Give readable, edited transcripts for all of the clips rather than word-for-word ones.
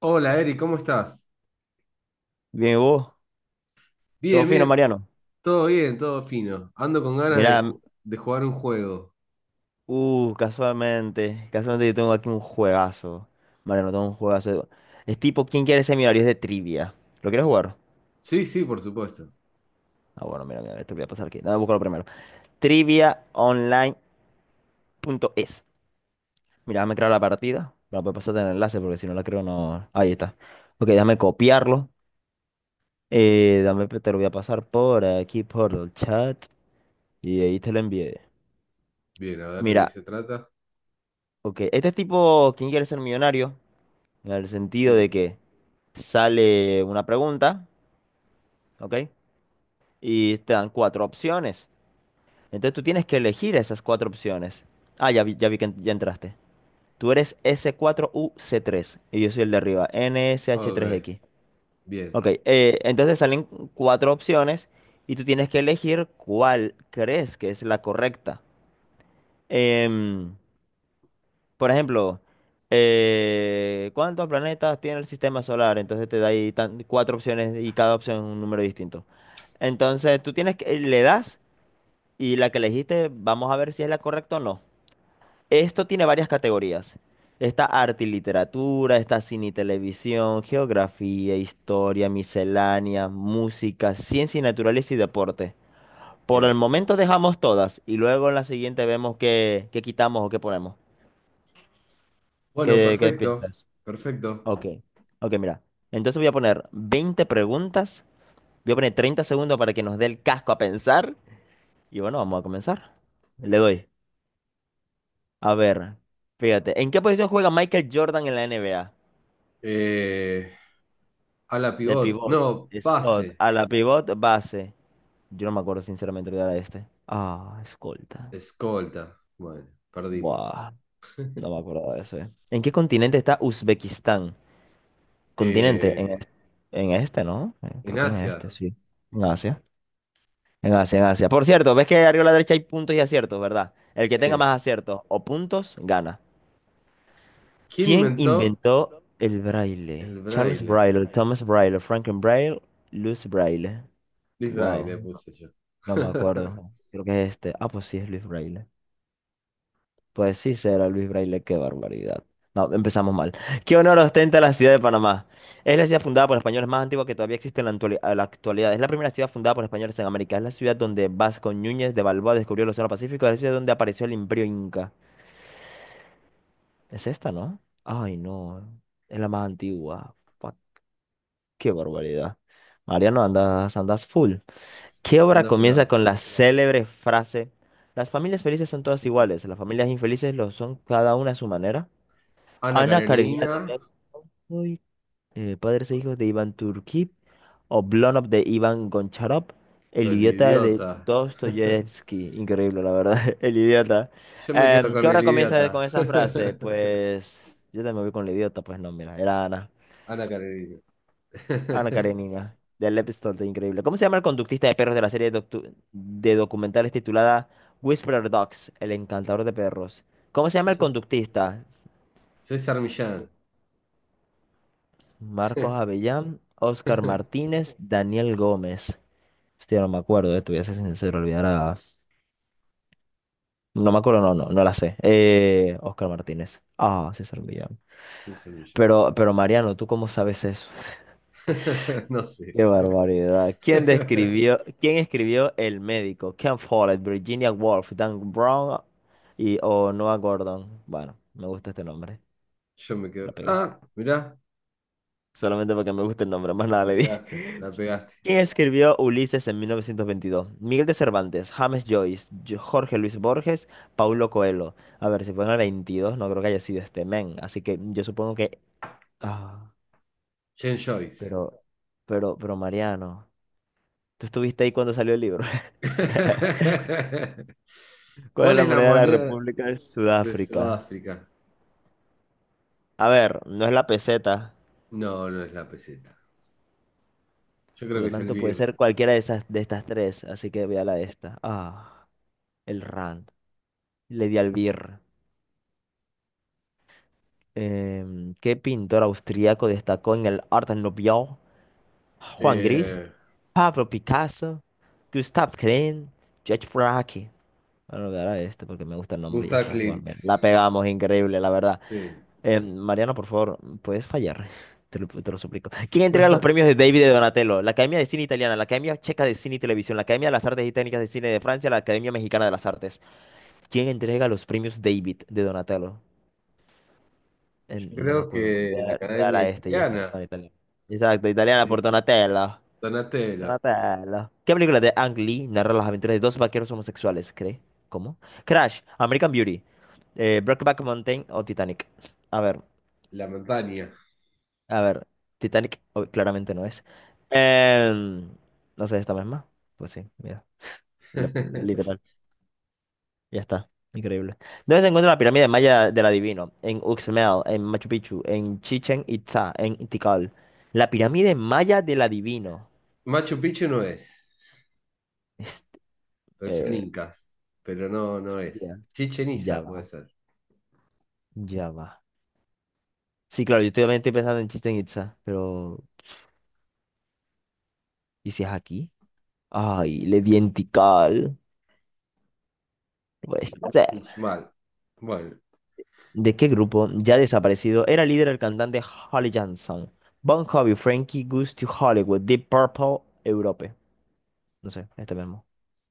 Hola, Eri, ¿cómo estás? Bien, ¿y vos? ¿Todo Bien, fino, Mariano? Bien, todo fino. Ando con ganas de, Mira, ju- de jugar un juego. Casualmente yo tengo aquí un juegazo. Mariano, tengo un juegazo. Es tipo, ¿quién quiere ser millonario? Es de trivia. ¿Lo quieres jugar? Sí, sí, por supuesto. Ah, bueno, mira, te voy a pasar aquí. Dame búscalo primero. Triviaonline.es. Mira, déjame crear la partida. La voy pasar en el enlace porque si no la creo no. Ahí está. Ok, déjame copiarlo. Dame, te lo voy a pasar por aquí, por el chat. Y ahí te lo envié. Bien, a ver de qué Mira, se trata. ok. Este es tipo, ¿quién quiere ser millonario? En el sentido Sí, de que sale una pregunta, ¿ok? Y te dan cuatro opciones. Entonces tú tienes que elegir esas cuatro opciones. Ah, ya vi ya entraste. Tú eres s cuatro U C tres y yo soy el de arriba, N S H tres ok, x. bien, Ok, entonces salen cuatro opciones y tú tienes que elegir cuál crees que es la correcta. Em, Por ejemplo, ¿cuántos planetas tiene el sistema solar? Entonces te da ahí cuatro opciones y cada opción es un número distinto. Entonces tú tienes que, le das y la que elegiste, vamos a ver si es la correcta o no. Esto tiene varias categorías. Está arte y literatura, está cine y televisión, geografía, historia, miscelánea, música, ciencia y naturaleza y deporte. Por bien. el momento dejamos todas y luego en la siguiente vemos qué quitamos o qué ponemos. Bueno, ¿Qué perfecto, piensas? perfecto. Ok, ok, mira. Entonces voy a poner 20 preguntas. Voy a poner 30 segundos para que nos dé el casco a pensar. Y bueno, vamos a comenzar. Le doy. A ver, fíjate. ¿En qué posición juega Michael Jordan en la NBA? Eh, a la De pivot, pivot. no, Scott. pase, A la pivot base. Yo no me acuerdo sinceramente de era este. Ah, escolta. escolta. Bueno, perdimos. Buah, no me acuerdo de ese. ¿En qué continente está Uzbekistán? Continente, Eh, en este, ¿no? En creo que en este, Asia, sí. En Asia. En Asia, en Asia. Por cierto, ves que arriba a la derecha hay puntos y aciertos, ¿verdad? El que tenga sí. más aciertos o puntos, gana. ¿Quién ¿Quién inventó inventó el el braille? Charles braille? Braille, Thomas Braille, Franklin Braille, Louis Braille. Luis Wow, Braille, puse yo. no me acuerdo. Creo que es este. Ah, pues sí, es Louis Braille. Pues sí, será Luis Braille, qué barbaridad. No, empezamos mal. ¿Qué honor ostenta la ciudad de Panamá? Es la ciudad fundada por españoles más antigua que todavía existe en a la actualidad. Es la primera ciudad fundada por españoles en América. Es la ciudad donde Vasco Núñez de Balboa descubrió el Océano Pacífico. Es la ciudad donde apareció el Imperio Inca. Es esta, ¿no? Ay, no. Es la más antigua. Fuck, qué barbaridad. Mariano, andas, andas full. ¿Qué obra Anda comienza con la célebre frase? Las familias felices son a todas iguales. Las familias infelices lo son cada una a su manera. Ana Ana Karenina de Karenina Black, Padres e hijos de Iván Turquí, Oblonov de Iván Goncharov, o El el idiota de idiota. Dostoyevsky, increíble la verdad, El idiota. Yo me quedo ¿Qué con el hora comienza con idiota. esa frase? Pues yo también voy con El idiota, pues no, mira, era Ana, Ana Karenina. Ana Karenina, de Lev Tolstoy, increíble. ¿Cómo se llama el conductista de perros de la serie de documentales titulada Whisperer Dogs, el encantador de perros? ¿Cómo se llama el César, conductista? César Millán. Marcos Avellán, Óscar Martínez, Daniel Gómez. Hostia, no me acuerdo, te voy a ser sincero, olvidar. No me acuerdo, no, no, no la sé. Óscar Martínez. Ah, César Millán. César Millán. Pero Mariano, ¿tú cómo sabes eso? No sé. Qué barbaridad. ¿Quién describió, quién escribió El médico? Ken Follett, Virginia Woolf, Dan Brown y o Noah Gordon. Bueno, me gusta este nombre. Yo me La quedo. pegué. Ah, mirá, Solamente porque me gusta el nombre, más nada la le di. pegaste, la pegaste. ¿Quién escribió Ulises en 1922? Miguel de Cervantes, James Joyce, Jorge Luis Borges, Paulo Coelho. A ver, si fue en el 22, no creo que haya sido este men. Así que yo supongo que... Ah, Jen Joyce. pero, pero Mariano, ¿tú estuviste ahí cuando salió el libro? ¿Cuál es ¿Cuál la es la moneda de la moneda República de de Sudáfrica? Sudáfrica? A ver, no es la peseta, No, no es la peseta. Yo por creo que lo es el tanto puede BIR. ser cualquiera de esas, de estas tres, así que voy a la de esta. Ah, el rand. Le di al birr. ¿Qué pintor austriaco destacó en el Art Nouveau? Juan Gris, Eh, Pablo Picasso, Gustav Klimt, George Braque. Bueno, voy a dar a este porque me gusta el nombre y ya Gustav está. Bueno, Clint. mira, la pegamos, increíble, la verdad. Sí. Mariano, por favor, puedes fallar. Te lo suplico. ¿Quién entrega los premios de David de Donatello? La Academia de Cine Italiana, la Academia Checa de Cine y Televisión, la Academia de las Artes y Técnicas de Cine de Francia, la Academia Mexicana de las Artes. ¿Quién entrega los premios David de Donatello? Yo No me creo acuerdo. que Voy la a, voy a Academia la este y ya está. Italiana, Bueno, italiana. Exacto, italiana sí, por sí. Donatello. Donatello, Donatello. ¿Qué película de Ang Lee narra las aventuras de dos vaqueros homosexuales? ¿Cree? ¿Cómo? Crash, American Beauty, Brokeback Mountain o Titanic. A ver, la montaña. a ver. Titanic oh, claramente no es. Em, no sé, esta misma. Pues sí, mira. la- Literalmente. Ya está, increíble. ¿Dónde se encuentra la pirámide maya del adivino? En Uxmal, en Machu Picchu, en Chichen Itza, en Tikal. La pirámide maya del adivino. Machu Picchu no es, Este, pues son eh, incas, pero no, no es. ya Chichen ya Itza puede va, ser. ya va. Sí, claro, yo también estoy pensando en Chichen Itza, pero ¿y si es aquí? Ay, le di en Tikal. No puede ser. Uxmal. Bueno, ¿De qué grupo, ya desaparecido, era líder el cantante Holly Johnson? Bon Jovi, Frankie Goes to Hollywood, Deep Purple, Europe. No sé, este mismo.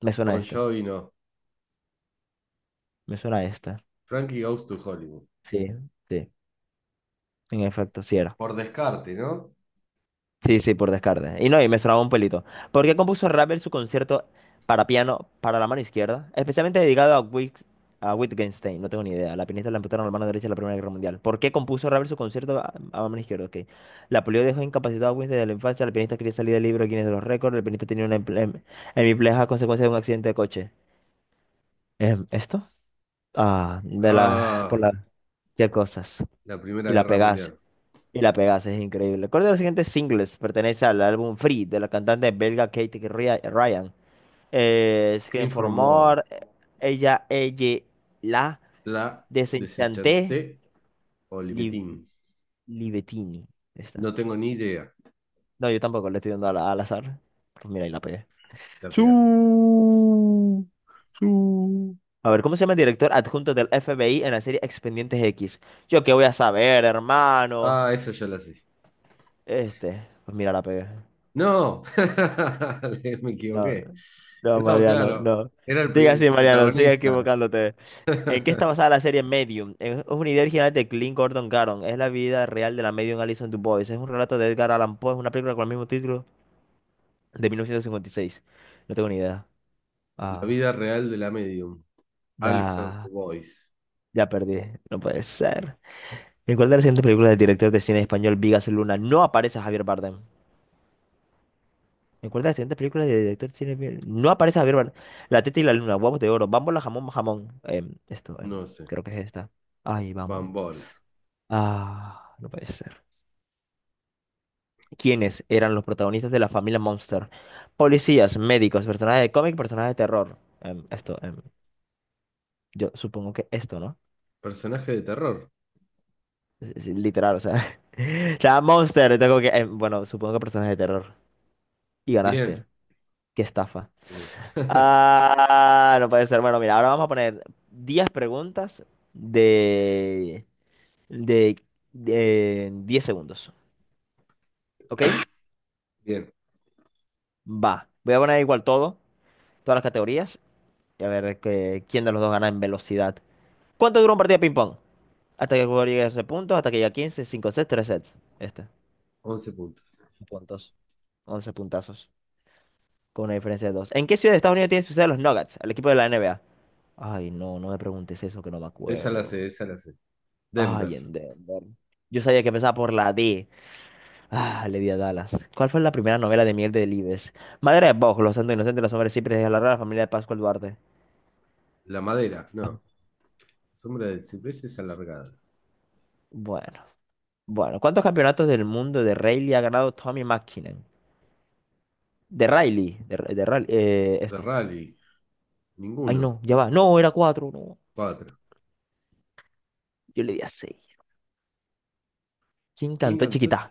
Me suena a Bon este. Jovi no. Me suena esta. Frankie Goes to Hollywood. Sí, sí. En efecto, sí era. Por descarte, ¿no? Sí, sí, por descarte. Y no, y me sonaba un pelito. ¿Por qué compuso Ravel su concierto para piano para la mano izquierda? Especialmente dedicado a, a Wittgenstein. No tengo ni idea. La pianista le amputaron la mano derecha en la Primera Guerra Mundial. ¿Por qué compuso Ravel su concierto a mano izquierda? Ok. La polio dejó incapacitado a Wittgenstein desde la infancia. La pianista quería salir del libro Guinness de los récords. El pianista tenía una hemipleja a consecuencia de un accidente de coche. ¿Esto? Ah, de la... por Ah, la... ¿Qué cosas? la Primera Y la Guerra pegase. Mundial. Y la pegaste, es increíble. Recuerda de los siguientes singles pertenece al álbum Free de la cantante belga Kate Ryan. Scream Scream for for More. More, Ella, Ella, La, La Desenchanté, Desenchanté Li- Olivetín. Libettini. Ahí No está. tengo ni idea. No, yo tampoco le estoy dando al azar. Pues mira, y la pegué. La pegaste. Su, su. A ver, ¿cómo se llama el director adjunto del FBI en la serie Expedientes X? Yo qué voy a saber, hermano. Ah, eso ya la sé. Este, pues mira, la pegué. No, me No, equivoqué. no, No, Mariano, claro, no. era el, Sigue pri- así, el Mariano, sigue protagonista. equivocándote. ¿En qué está basada la serie Medium? Es una idea original de Clint Gordon Caron. Es la vida real de la medium Alison DuBois. Es un relato de Edgar Allan Poe. Es una película con el mismo título de 1956. No tengo ni idea. La Ah, vida real de la medium. Alison nah, Boyce. ya perdí. No puede ser. ¿En cuál de las siguientes películas del director de cine español Vigas Luna no aparece Javier Bardem? En cuenta de siguientes películas de director de cine. No aparece Javier Bardem. La teta y la luna, huevos de oro, bámbola, jamón, jamón. Esto, No sé. creo que es esta. Ay, bámbola. Bambola. Ah, no puede ser. ¿Quiénes eran los protagonistas de la familia Monster? Policías, médicos, personajes de cómic, personajes de terror. Esto, yo supongo que esto, ¿no? Personaje de terror. Es literal, o sea. O sea Monster, tengo que. Bueno, supongo que personajes de terror. Y ganaste. Bien, Qué estafa. bien. Ah, no puede ser. Bueno, mira, ahora vamos a poner 10 preguntas de, de, de 10 segundos. ¿Ok? Bien, Va. Voy a poner igual todo, todas las categorías, y a ver quién de los dos gana en velocidad. ¿Cuánto dura un partido de ping-pong? Hasta que el jugador llegue a 12 puntos, hasta que llegue a 15, 5 sets, 3 sets. Este. once puntos. Puntos. 11 puntazos. Con una diferencia de 2. ¿En qué ciudad de Estados Unidos tiene su sede los Nuggets? El equipo de la NBA. Ay, no, no me preguntes eso, que no me Esa la sé, acuerdo. esa la sé. Denver. Ay, en Denver. Yo sabía que empezaba por la D. Ah, le di a Dallas. ¿Cuál fue la primera novela de Miguel Delibes? Madre de Boj, Los Santos Inocentes, Los Hombres Siempre de la Rara Familia de Pascual Duarte. La madera, Ah, no. Sombra de cipreses alargada. bueno, bueno. ¿Cuántos campeonatos del mundo de Rayleigh ha ganado Tommy McKinnon? De Riley, de Riley, The esto. Rally, Ay, ninguno. no, ya va. No, era cuatro, no. Cuatro. Yo le di a seis. ¿Quién ¿Quién cantó cantó? Chiquita? Chi-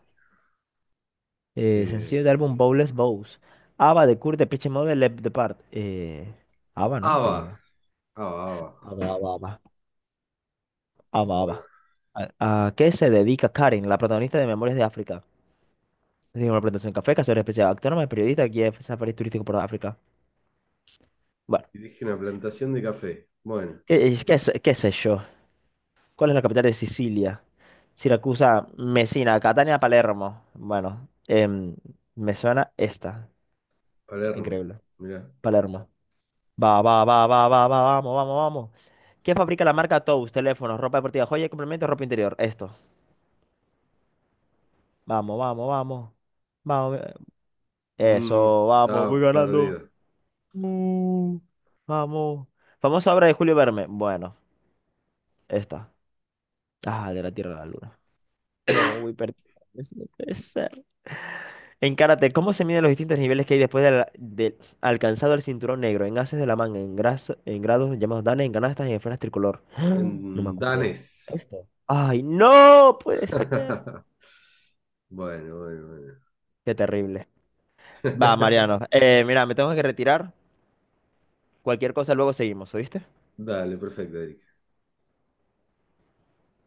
Eh, Sencillo de álbum Bowles Bows. Ava de Kurt de Pitch Mode, Left Depart. Ava, ¿no? Sí, ABBA. Ava. ABBA, Ava, ABBA. Ava, Ava. Ah, va, Bueno, va. ¿A qué se dedica Karen, la protagonista de Memorias de África? Es una presentación en café, cazadora especial, autónoma, periodista, guía de Safari turístico por África. Bueno, dirige una plantación de café. Bueno, ¿qué sé yo? ¿Cuál es la capital de Sicilia? Siracusa, Messina, Catania, Palermo. Bueno, me suena esta. Palermo. Increíble. Mirá. Palermo. Va, va, va, va, va, va, vamos, vamos, vamos. ¿Qué fabrica la marca Tous? Teléfonos, ropa deportiva, joya, complementos, ropa interior. Esto. Vamos, vamos, vamos. Vamos. Mm, Eso, vamos, voy estaba ganando. perdido. Mm, vamos. Famosa obra de Julio Verne. Bueno, esta. Ah, de la Tierra a la Luna. No, voy perdido. Eso no puede ser. En karate, ¿cómo se miden los distintos niveles que hay después de alcanzado el cinturón negro? En haces de la manga, en grados, llamados danes, en canastas y en esferas tricolor. En No me acuerdo. danés. ¿Esto? ¡Ay, no! Puede ser. Bueno, bueno, bueno. Qué terrible. Va, Mariano. Mira, me tengo que retirar. Cualquier cosa luego seguimos, ¿oíste? Dale, perfecto, Eric.